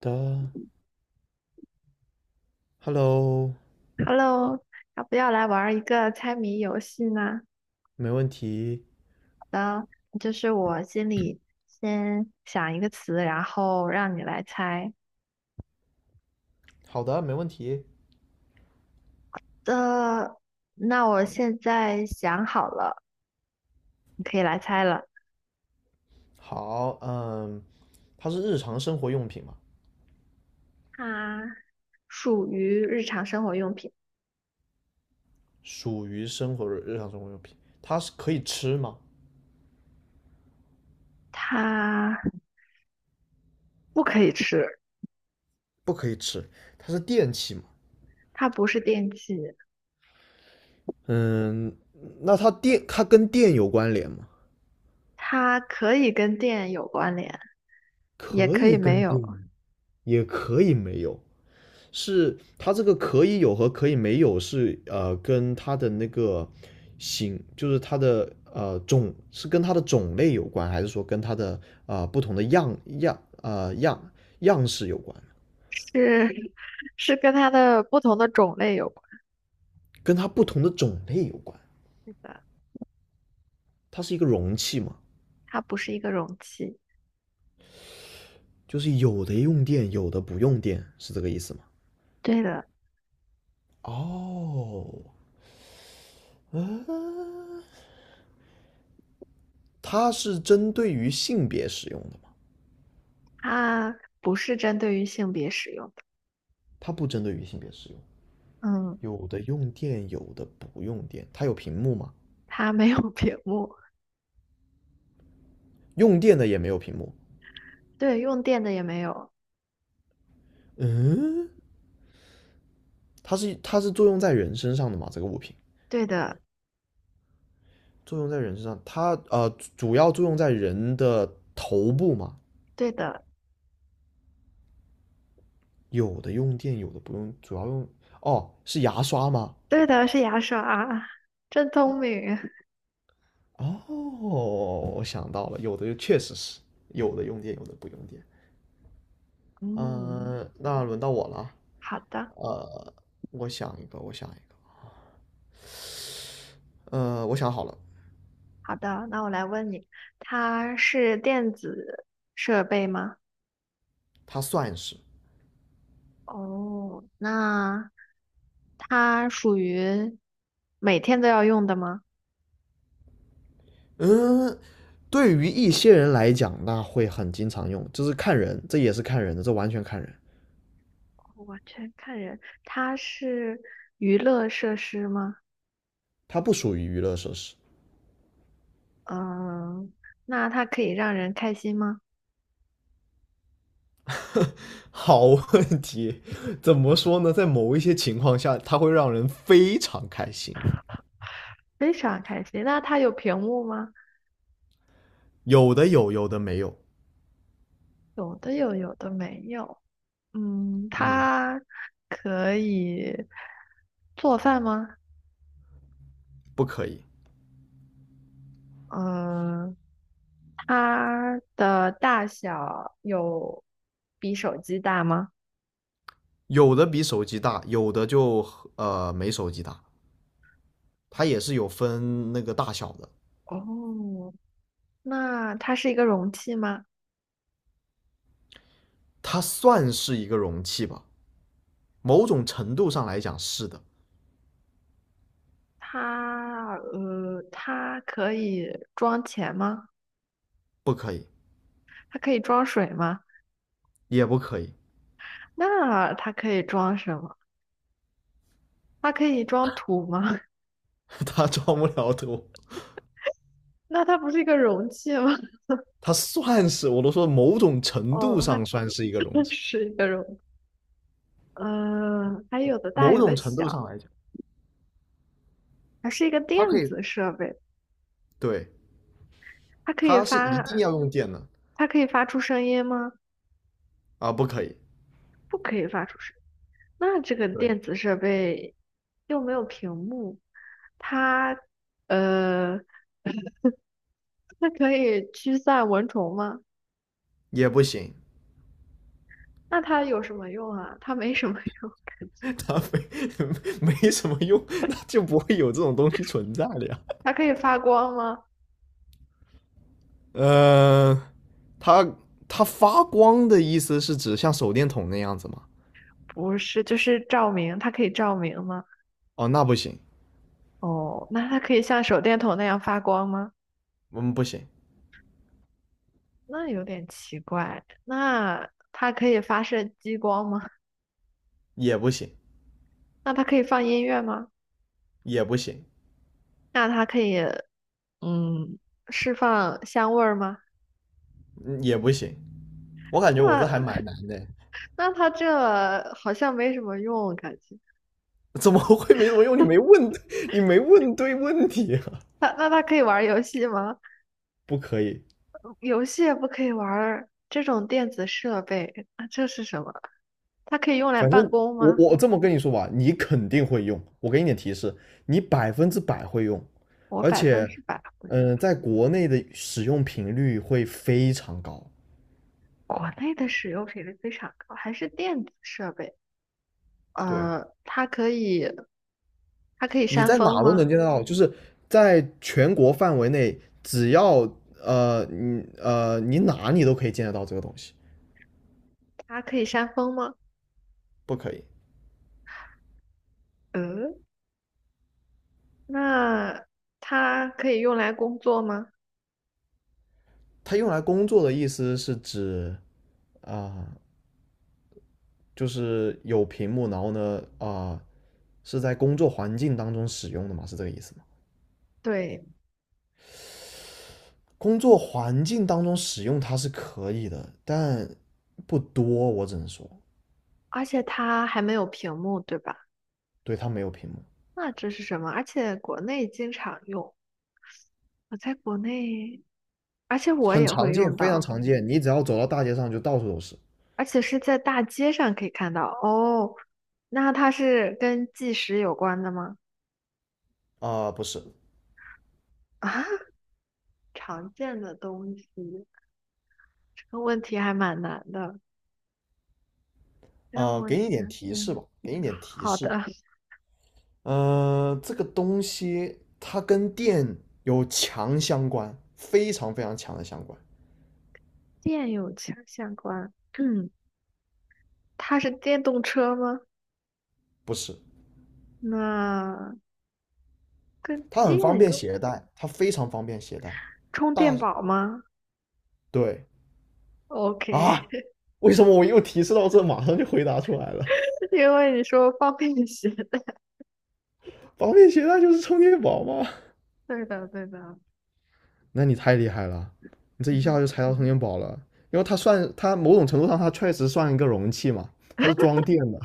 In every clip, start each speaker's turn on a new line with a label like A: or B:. A: 的，Hello，
B: Hello，要不要来玩儿一个猜谜游戏呢？
A: 没问题。
B: 好的，就是我心里先想一个词，然后让你来猜。
A: 好的，没问题。
B: 呃，那我现在想好了，你可以来猜了。
A: 好，嗯，它是日常生活用品嘛，
B: 它属于日常生活用品，
A: 属于生活日常生活用品。它是可以吃吗？
B: 它不可以吃，
A: 不可以吃，它是电器嘛。
B: 它不是电器，
A: 嗯，那它电，它跟电有关联吗？
B: 它可以跟电有关联，也
A: 可
B: 可
A: 以
B: 以没
A: 跟
B: 有，
A: 电，也可以没有。是它这个可以有和可以没有是跟它的那个型，就是它的种是跟它的种类有关，还是说跟它的不同的样式有关？
B: 是 是跟它的不同的种类有关
A: 跟它不同的种类有关。
B: 系的。
A: 它是一个容器嘛，
B: 它不是一个容器。
A: 就是有的用电，有的不用电，是这个意思吗？
B: 对的，
A: 哦，啊，它是针对于性别使用的吗？
B: 它不是针对于性别使用的，
A: 它不针对于性别使用。
B: 嗯，
A: 有的用电，有的不用电。它有屏幕吗？
B: 它没有屏幕，
A: 用电的也没有屏幕。
B: 对，用电的也没有，
A: 嗯，它是作用在人身上的吗？这个物品
B: 对的，
A: 作用在人身上，它主要作用在人的头部嘛。
B: 对的，
A: 有的用电，有的不用，主要用哦，是牙刷吗？
B: 对的，是牙刷啊，真聪明，
A: 哦，我想到了，有的就确实是有的用电，有的不用电。
B: 嗯，
A: 嗯，那轮到我了啊。
B: 好的，
A: 呃，我想一个，我想一个。我想好了，
B: 好的，那我来问你，它是电子设备吗？
A: 它算是。
B: 哦，那它属于每天都要用的吗？
A: 嗯，对于一些人来讲，那会很经常用，就是看人，这也是看人的，这完全看人，
B: 我全看人，它是娱乐设施吗？
A: 它不属于娱乐设施。
B: 嗯，那它可以让人开心吗？
A: 好问题，怎么说呢？在某一些情况下，它会让人非常开心，
B: 非常开心。那它有屏幕吗？
A: 有的有，有的没有。
B: 有的有，有的没有。嗯，
A: 嗯，
B: 它可以做饭吗？
A: 不可以，
B: 嗯，它的大小有比手机大吗？
A: 有的比手机大，有的就没手机大，它也是有分那个大小的，
B: 哦，那它是一个容器吗？
A: 它算是一个容器吧，某种程度上来讲是的，
B: 它可以装钱吗？
A: 不可以，
B: 它可以装水吗？
A: 也不可以。
B: 那它可以装什么？它可以装土吗？
A: 他装不了多，
B: 那它不是一个容器吗？
A: 他算是我都说某种程度
B: 哦，它是
A: 上算是一个容 器，
B: 是一个容器，嗯、还有的大，
A: 某
B: 有
A: 种
B: 的
A: 程度
B: 小，
A: 上来讲，
B: 还是一个
A: 它可
B: 电
A: 以
B: 子设备。
A: 对，
B: 它可以
A: 它是一
B: 发，
A: 定要用电的。
B: 它可以发出声音吗？
A: 啊，不可以，
B: 不可以发出声音那这个
A: 对，
B: 电子设备又没有屏幕，它呃，它可以驱散蚊虫吗？
A: 也不行，
B: 那它有什么用啊？它没什么用，感 觉。
A: 它没什么用，那就不会有这种东西存在了呀。
B: 它可以发光吗？
A: 嗯，它它发光的意思是指像手电筒那样子吗？
B: 不是，就是照明。它可以照明吗？
A: 哦，那不行，
B: 哦，那它可以像手电筒那样发光吗？
A: 嗯，不行，
B: 那有点奇怪。那它可以发射激光吗？
A: 也不行，
B: 那它可以放音乐吗？
A: 也不行，
B: 那它可以嗯释放香味儿吗？
A: 嗯，也不行，我
B: 那
A: 感觉我这还蛮 难的。
B: 那它这好像没什么用，感觉。
A: 怎么会没什么用？你没问，你没问对问题啊！
B: 那它可以玩儿游戏吗？
A: 不可以，
B: 游戏也不可以玩儿这种电子设备，那这是什么？它可以用来
A: 反
B: 办
A: 正
B: 公
A: 我
B: 吗？
A: 我这么跟你说吧，你肯定会用。我给你点提示，你百分之百会用，
B: 我
A: 而
B: 百分
A: 且，
B: 之百会用。
A: 嗯、在国内的使用频率会非常高。
B: 国内的使用频率非常高，还是电子设备。
A: 对，
B: 呃，它可以，它可以
A: 你
B: 扇
A: 在
B: 风
A: 哪都能
B: 吗？
A: 见得到，就是在全国范围内，只要你你哪你都可以见得到这个东西。
B: 它可以扇风吗？
A: 不可以，
B: 嗯，那它可以用来工作吗？
A: 它用来工作的意思是指啊、就是有屏幕，然后呢，呃是在工作环境当中使用的嘛？是这个意思吗？
B: 对，
A: 工作环境当中使用它是可以的，但不多，我只能说，
B: 而且它还没有屏幕，对吧？
A: 对，它没有屏幕，
B: 那这是什么？而且国内经常用，我在国内，而且我
A: 很
B: 也会
A: 常见，
B: 用
A: 非常
B: 到，
A: 常见。你只要走到大街上，就到处都是。
B: 而且是在大街上可以看到。哦，那它是跟计时有关的吗？
A: 不是。
B: 啊，常见的东西，这个问题还蛮难的，让我
A: 给你一
B: 想
A: 点提示
B: 想。
A: 吧，给你一点提
B: 好
A: 示。
B: 的，
A: 这个东西它跟电有强相关，非常非常强的相关。
B: 电有强相关。嗯，它是电动车吗？
A: 不是，
B: 那跟
A: 它很方
B: 电
A: 便
B: 有
A: 携带，它非常方便携带。
B: 充
A: 大
B: 电宝吗
A: 对啊，
B: ？OK，
A: 为什么我又提示到这，马上就回答出来了？
B: 因为你说方便携带。
A: 方便携带就是充电宝吗？
B: 对的，对的，
A: 那你太厉害了，你 这
B: 嗯
A: 一下
B: 哼
A: 就猜到充电宝了，因为它算它某种程度上它确实算一个容器嘛，它是装电的。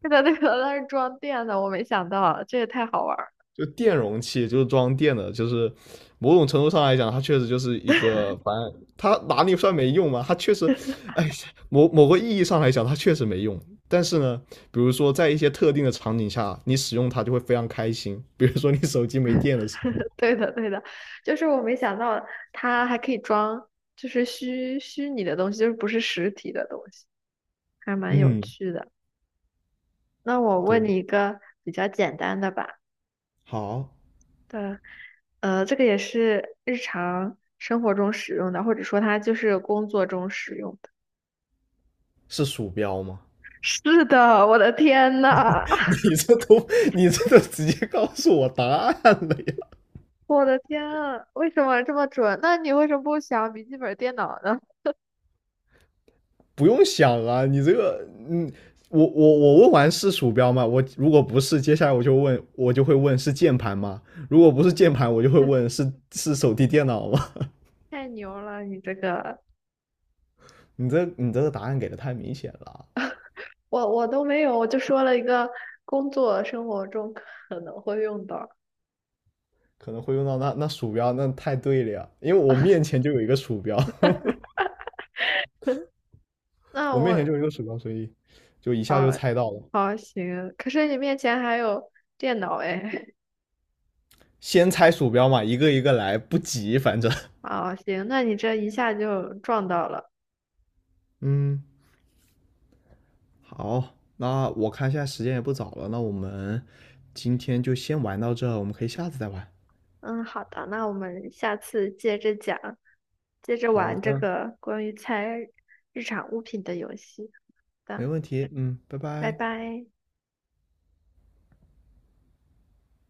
B: 对的，对的，它是装电的，我没想到，这也太好玩儿。
A: 就电容器，就是装电的，就是某种程度上来讲，它确实就是一个，反正它哪里算没用嘛？它确实，哎，某某个意义上来讲，它确实没用。但是呢，比如说在一些特定的场景下，你使用它就会非常开心。比如说你手机没电的时候，
B: 对的，对的，就是我没想到它还可以装，就是虚拟的东西，就是不是实体的东西，还蛮有
A: 嗯，
B: 趣的。那我问
A: 对，
B: 你一个比较简单的吧。
A: 好，
B: 对，这个也是日常生活中使用的，或者说它就是工作中使用的。
A: 是鼠标吗？
B: 是的，我的天呐，
A: 你 这都你这都直接告诉我答案了呀！
B: 我的天啊，为什么这么准？那你为什么不想笔记本电脑呢？
A: 不用想啊，你这个，嗯，我问完是鼠标吗？我如果不是，接下来我就问，我就会问是键盘吗？如果不是键盘，我就会问 是 是手提电脑吗？
B: 太牛了，你这个，
A: 你这个答案给的太明显了，
B: 我都没有，我就说了一个工作生活中可能会用到。
A: 可能会用到，那那鼠标，那太对了呀，因为我面前就有一个鼠标，
B: 那
A: 我面前就
B: 我
A: 有一个鼠标，所以就一下就
B: 啊，
A: 猜到了。
B: 好行，可是你面前还有电脑哎，
A: 先猜鼠标嘛，一个一个来，不急，反正，
B: 啊行，那你这一下就撞到了。
A: 嗯，好，那我看现在时间也不早了，那我们今天就先玩到这，我们可以下次再玩。
B: 嗯，好的，那我们下次接着讲，接着
A: 好
B: 玩这
A: 的，
B: 个关于猜日常物品的游戏。好
A: 没
B: 的，
A: 问题，嗯，拜
B: 拜
A: 拜。
B: 拜。